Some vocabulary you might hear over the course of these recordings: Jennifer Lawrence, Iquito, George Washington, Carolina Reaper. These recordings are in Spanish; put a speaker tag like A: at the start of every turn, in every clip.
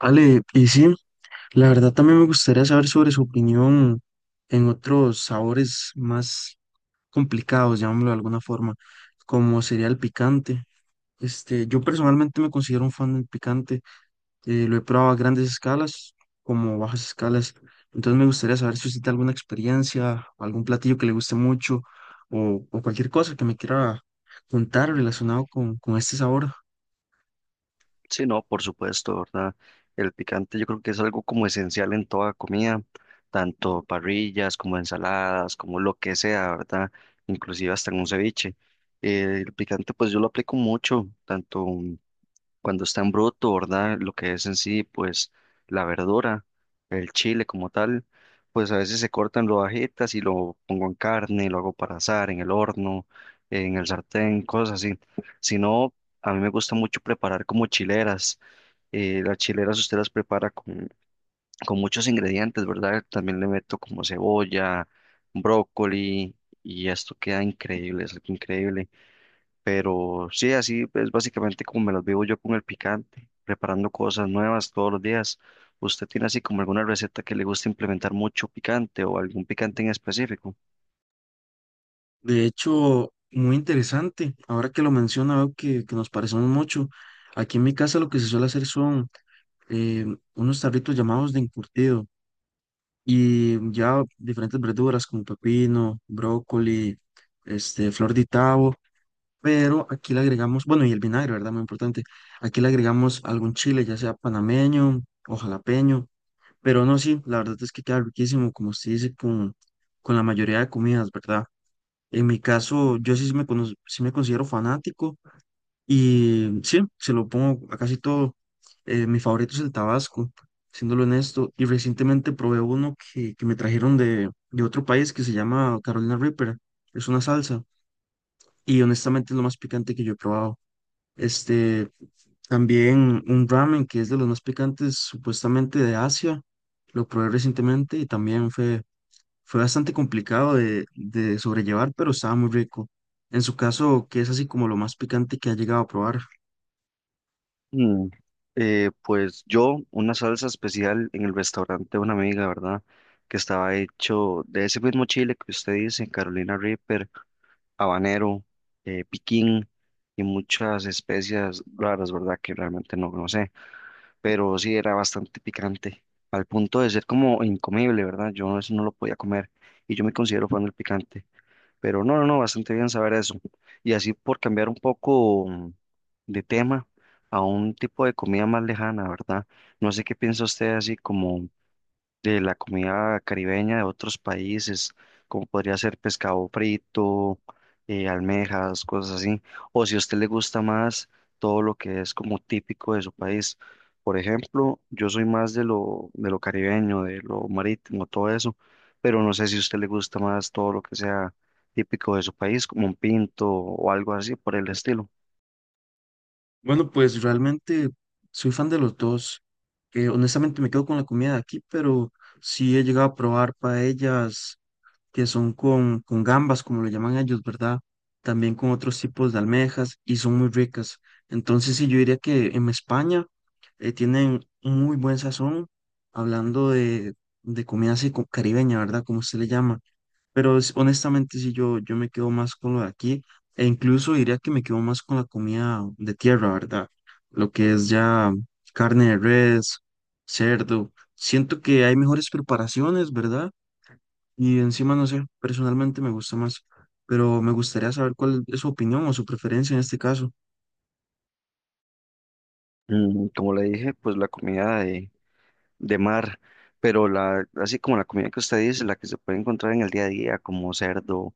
A: Ale, y sí, la verdad también me gustaría saber sobre su opinión en otros sabores más complicados, llamémoslo de alguna forma, como sería el picante. Yo personalmente me considero un fan del picante, lo he probado a grandes escalas como bajas escalas, entonces me gustaría saber si usted tiene alguna experiencia, algún platillo que le guste mucho o cualquier cosa que me quiera contar relacionado con este sabor.
B: Sí, no, por supuesto, ¿verdad? El picante yo creo que es algo como esencial en toda comida, tanto parrillas como ensaladas, como lo que sea, ¿verdad? Inclusive hasta en un ceviche. El picante pues yo lo aplico mucho, tanto cuando está en bruto, ¿verdad? Lo que es en sí pues la verdura, el chile como tal, pues a veces se cortan rodajitas y lo pongo en carne, lo hago para asar, en el horno, en el sartén, cosas así. Si no... A mí me gusta mucho preparar como chileras, las chileras usted las prepara con muchos ingredientes, ¿verdad? También le meto como cebolla, brócoli y esto queda increíble, es algo increíble. Pero sí, así es básicamente como me las vivo yo con el picante, preparando cosas nuevas todos los días. ¿Usted tiene así como alguna receta que le gusta implementar mucho picante o algún picante en específico?
A: De hecho, muy interesante. Ahora que lo menciona, veo que nos parecemos mucho. Aquí en mi casa lo que se suele hacer son eh, unos tarritos llamados de encurtido y ya diferentes verduras como pepino, brócoli, flor de tabo, pero aquí le agregamos, bueno, y el vinagre, ¿verdad? Muy importante. Aquí le agregamos algún chile, ya sea panameño o jalapeño, pero no, sí, la verdad es que queda riquísimo, como se dice, con la mayoría de comidas, ¿verdad? En mi caso, yo sí me, sí me considero fanático y sí, se lo pongo a casi todo. Mi favorito es el Tabasco, siéndolo honesto. Y recientemente probé uno que me trajeron de otro país que se llama Carolina Reaper. Es una salsa y honestamente es lo más picante que yo he probado. Este, También un ramen que es de los más picantes supuestamente de Asia. Lo probé recientemente y también fue bastante complicado de sobrellevar, pero estaba muy rico. En su caso, ¿qué es así como lo más picante que ha llegado a probar?
B: Mm, pues yo, una salsa especial en el restaurante de una amiga, ¿verdad? Que estaba hecho de ese mismo chile que usted dice, Carolina Reaper, habanero, piquín y muchas especias raras, ¿verdad? Que realmente no, no sé, pero sí era bastante picante, al punto de ser como incomible, ¿verdad? Yo eso no lo podía comer y yo me considero fan del picante. Pero no, no, no, bastante bien saber eso. Y así por cambiar un poco de tema a un tipo de comida más lejana, ¿verdad? No sé qué piensa usted así como de la comida caribeña de otros países, como podría ser pescado frito, almejas, cosas así. O si a usted le gusta más todo lo que es como típico de su país. Por ejemplo, yo soy más de de lo caribeño, de lo marítimo, todo eso, pero no sé si a usted le gusta más todo lo que sea típico de su país, como un pinto o algo así por el estilo.
A: Bueno, pues realmente soy fan de los dos. Honestamente me quedo con la comida de aquí, pero sí he llegado a probar paellas, que son con gambas, como lo llaman ellos, ¿verdad? También con otros tipos de almejas y son muy ricas. Entonces, sí, yo diría que en España tienen un muy buen sazón, hablando de comida así caribeña, ¿verdad? Como se le llama. Pero honestamente, sí, yo me quedo más con lo de aquí e incluso diría que me quedo más con la comida de tierra, ¿verdad? Lo que es ya carne de res, cerdo. Siento que hay mejores preparaciones, ¿verdad? Y encima, no sé, personalmente me gusta más, pero me gustaría saber cuál es su opinión o su preferencia en este caso.
B: Como le dije, pues la comida de mar, pero la, así como la comida que usted dice, la que se puede encontrar en el día a día, como cerdo,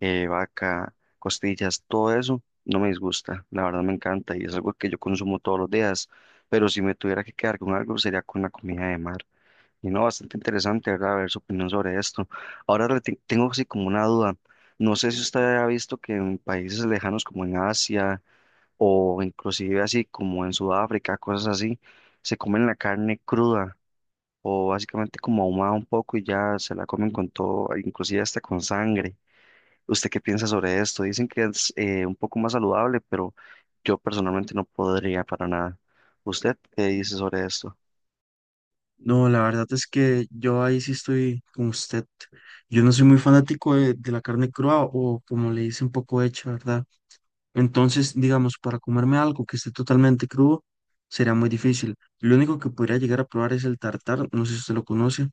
B: vaca, costillas, todo eso, no me disgusta, la verdad me encanta y es algo que yo consumo todos los días, pero si me tuviera que quedar con algo sería con la comida de mar. Y no, bastante interesante, ¿verdad? Ver su opinión sobre esto. Ahora le tengo así como una duda. No sé si usted ha visto que en países lejanos como en Asia o inclusive así como en Sudáfrica, cosas así, se comen la carne cruda o básicamente como ahumada un poco y ya se la comen con todo, inclusive hasta con sangre. ¿Usted qué piensa sobre esto? Dicen que es un poco más saludable, pero yo personalmente no podría para nada. ¿Usted qué dice sobre esto?
A: No, la verdad es que yo ahí sí estoy con usted. Yo no soy muy fanático de la carne cruda o como le dicen, poco hecha, ¿verdad? Entonces, digamos, para comerme algo que esté totalmente crudo, sería muy difícil. Lo único que podría llegar a probar es el tartar, no sé si usted lo conoce,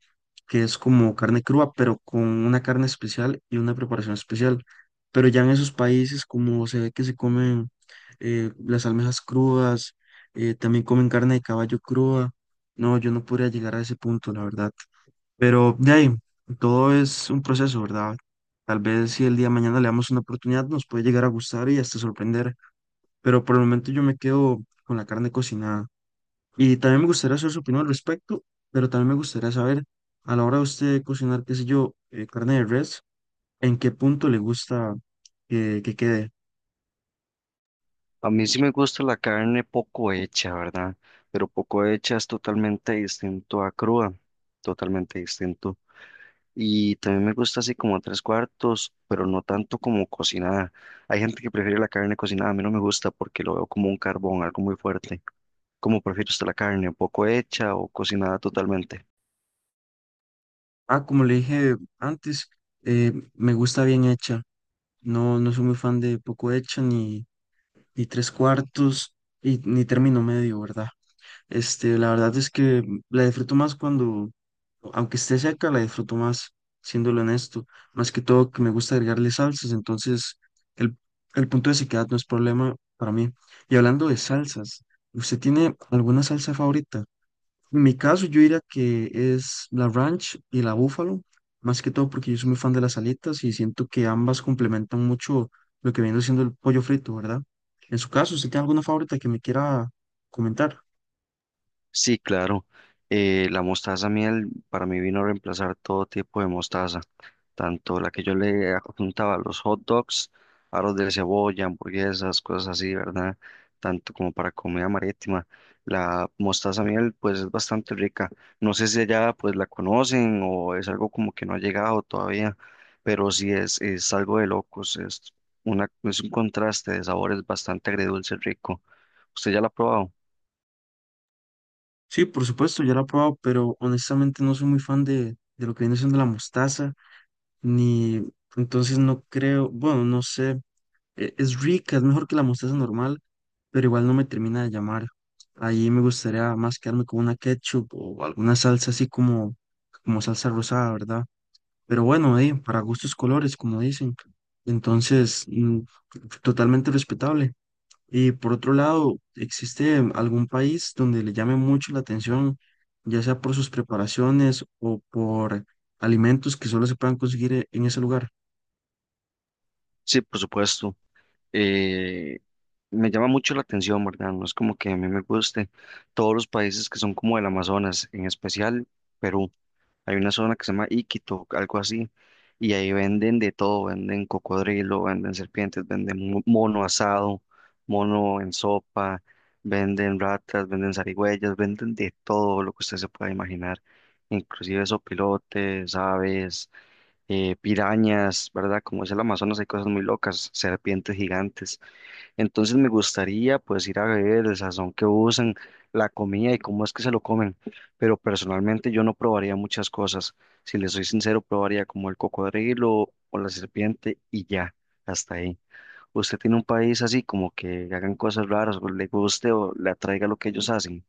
A: que es como carne cruda, pero con una carne especial y una preparación especial. Pero ya en esos países, como se ve que se comen las almejas crudas, también comen carne de caballo cruda, no, yo no podría llegar a ese punto, la verdad. Pero de ahí, todo es un proceso, ¿verdad? Tal vez si el día de mañana le damos una oportunidad, nos puede llegar a gustar y hasta sorprender. Pero por el momento yo me quedo con la carne cocinada. Y también me gustaría saber su opinión al respecto, pero también me gustaría saber, a la hora de usted cocinar, qué sé yo, carne de res, ¿en qué punto le gusta que quede?
B: A mí sí me gusta la carne poco hecha, ¿verdad? Pero poco hecha es totalmente distinto a cruda, totalmente distinto. Y también me gusta así como a tres cuartos, pero no tanto como cocinada. Hay gente que prefiere la carne cocinada, a mí no me gusta porque lo veo como un carbón, algo muy fuerte. ¿Cómo prefiere usted la carne? ¿Un poco hecha o cocinada totalmente?
A: Ah, como le dije antes, me gusta bien hecha. No, no soy muy fan de poco hecha ni, ni tres cuartos y, ni término medio, ¿verdad? La verdad es que la disfruto más cuando, aunque esté seca, la disfruto más, siéndolo honesto. Más que todo que me gusta agregarle salsas, entonces el, el punto de sequedad no es problema para mí. Y hablando de salsas, ¿usted tiene alguna salsa favorita? En mi caso, yo diría que es la ranch y la búfalo, más que todo porque yo soy muy fan de las alitas y siento que ambas complementan mucho lo que viene siendo el pollo frito, ¿verdad? En su caso, ¿usted tiene alguna favorita que me quiera comentar?
B: Sí, claro. La mostaza miel para mí vino a reemplazar todo tipo de mostaza, tanto la que yo le adjuntaba a los hot dogs, aros de cebolla, hamburguesas, cosas así, ¿verdad? Tanto como para comida marítima. La mostaza miel pues es bastante rica. No sé si allá pues la conocen o es algo como que no ha llegado todavía, pero sí es algo de locos, es es un contraste de sabores bastante agridulce rico. ¿Usted ya la ha probado?
A: Sí, por supuesto, ya la he probado, pero honestamente no soy muy fan de lo que viene siendo la mostaza, ni entonces no creo, bueno, no sé, es rica, es mejor que la mostaza normal, pero igual no me termina de llamar. Ahí me gustaría más quedarme con una ketchup o alguna salsa así como, como salsa rosada, ¿verdad? Pero bueno, para gustos colores, como dicen. Entonces, totalmente respetable. Y por otro lado, ¿existe algún país donde le llame mucho la atención, ya sea por sus preparaciones o por alimentos que solo se puedan conseguir en ese lugar?
B: Sí, por supuesto. eh, Me llama mucho la atención, ¿verdad? No es como que a mí me guste todos los países que son como el Amazonas, en especial Perú. Hay una zona que se llama Iquito, algo así, y ahí venden de todo, venden cocodrilo, venden serpientes, venden mono asado, mono en sopa, venden ratas, venden zarigüeyas, venden de todo lo que usted se pueda imaginar, inclusive sopilotes, aves, pirañas, ¿verdad? Como es el Amazonas, hay cosas muy locas, serpientes gigantes. Entonces me gustaría pues ir a ver el sazón que usan, la comida y cómo es que se lo comen. Pero personalmente yo no probaría muchas cosas. Si les soy sincero, probaría como el cocodrilo o la serpiente y ya, hasta ahí. ¿Usted tiene un país así como que hagan cosas raras o le guste o le atraiga lo que ellos hacen?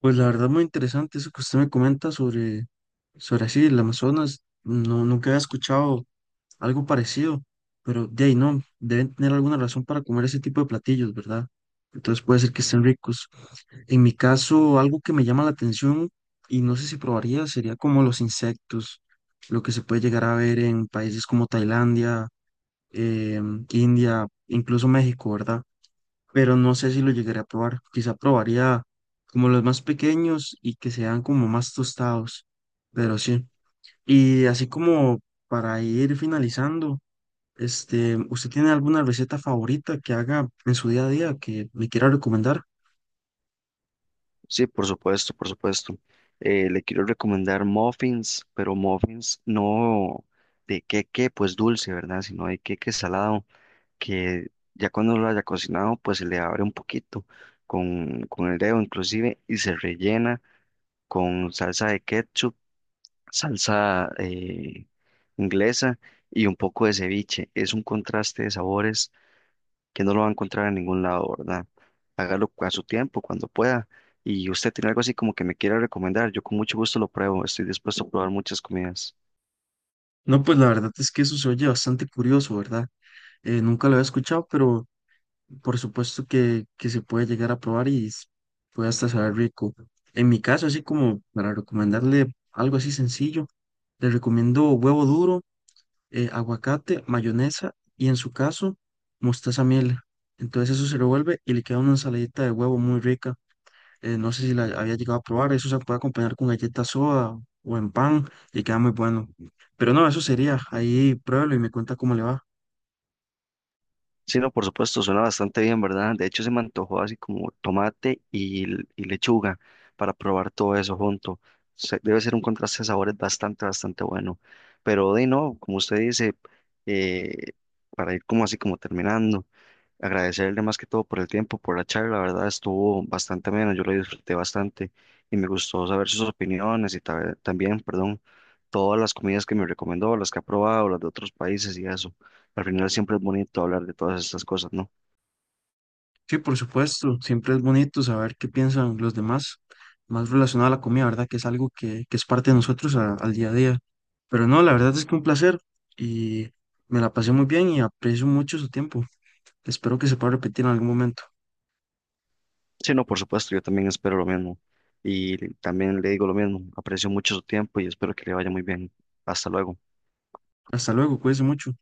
A: Pues la verdad muy interesante eso que usted me comenta sobre, sobre así, el Amazonas. No, nunca había escuchado algo parecido, pero de ahí no, deben tener alguna razón para comer ese tipo de platillos, ¿verdad? Entonces puede ser que estén ricos. En mi caso, algo que me llama la atención y no sé si probaría sería como los insectos, lo que se puede llegar a ver en países como Tailandia, India, incluso México, ¿verdad? Pero no sé si lo llegaré a probar. Quizá probaría como los más pequeños y que sean como más tostados, pero sí. Y así como para ir finalizando, ¿usted tiene alguna receta favorita que haga en su día a día que me quiera recomendar?
B: Sí, por supuesto, por supuesto. Le quiero recomendar muffins, pero muffins no de queque, pues dulce, ¿verdad? Sino de queque salado que ya cuando lo haya cocinado, pues se le abre un poquito con el dedo inclusive y se rellena con salsa de ketchup, salsa inglesa y un poco de ceviche. Es un contraste de sabores que no lo va a encontrar en ningún lado, ¿verdad? Hágalo a su tiempo, cuando pueda. Y usted tiene algo así como que me quiera recomendar, yo con mucho gusto lo pruebo, estoy dispuesto a probar muchas comidas.
A: No, pues la verdad es que eso se oye bastante curioso, ¿verdad? Nunca lo había escuchado, pero por supuesto que se puede llegar a probar y puede hasta saber rico. En mi caso, así como para recomendarle algo así sencillo, le recomiendo huevo duro, aguacate, mayonesa y en su caso, mostaza miel. Entonces eso se revuelve y le queda una ensaladita de huevo muy rica no sé si la había llegado a probar, eso se puede acompañar con galleta soda o en pan y queda muy bueno. Pero no, eso sería, ahí pruébelo y me cuenta cómo le va.
B: Sí, no, por supuesto, suena bastante bien, ¿verdad? De hecho, se me antojó así como tomate y lechuga para probar todo eso junto. Debe ser un contraste de sabores bastante, bastante bueno. Pero de no, como usted dice, eh, para ir como así como terminando, agradecerle más que todo por el tiempo, por la charla, la verdad estuvo bastante menos, yo lo disfruté bastante y me gustó saber sus opiniones y también, perdón, todas las comidas que me recomendó, las que ha probado, las de otros países y eso. Al final siempre es bonito hablar de todas estas cosas, ¿no?
A: Sí, por supuesto, siempre es bonito saber qué piensan los demás, más relacionado a la comida, ¿verdad? Que es algo que es parte de nosotros al día a día. Pero no, la verdad es que un placer y me la pasé muy bien y aprecio mucho su tiempo. Espero que se pueda repetir en algún momento.
B: Sí, no, por supuesto, yo también espero lo mismo. Y también le digo lo mismo, aprecio mucho su tiempo y espero que le vaya muy bien. Hasta luego.
A: Hasta luego, cuídense mucho.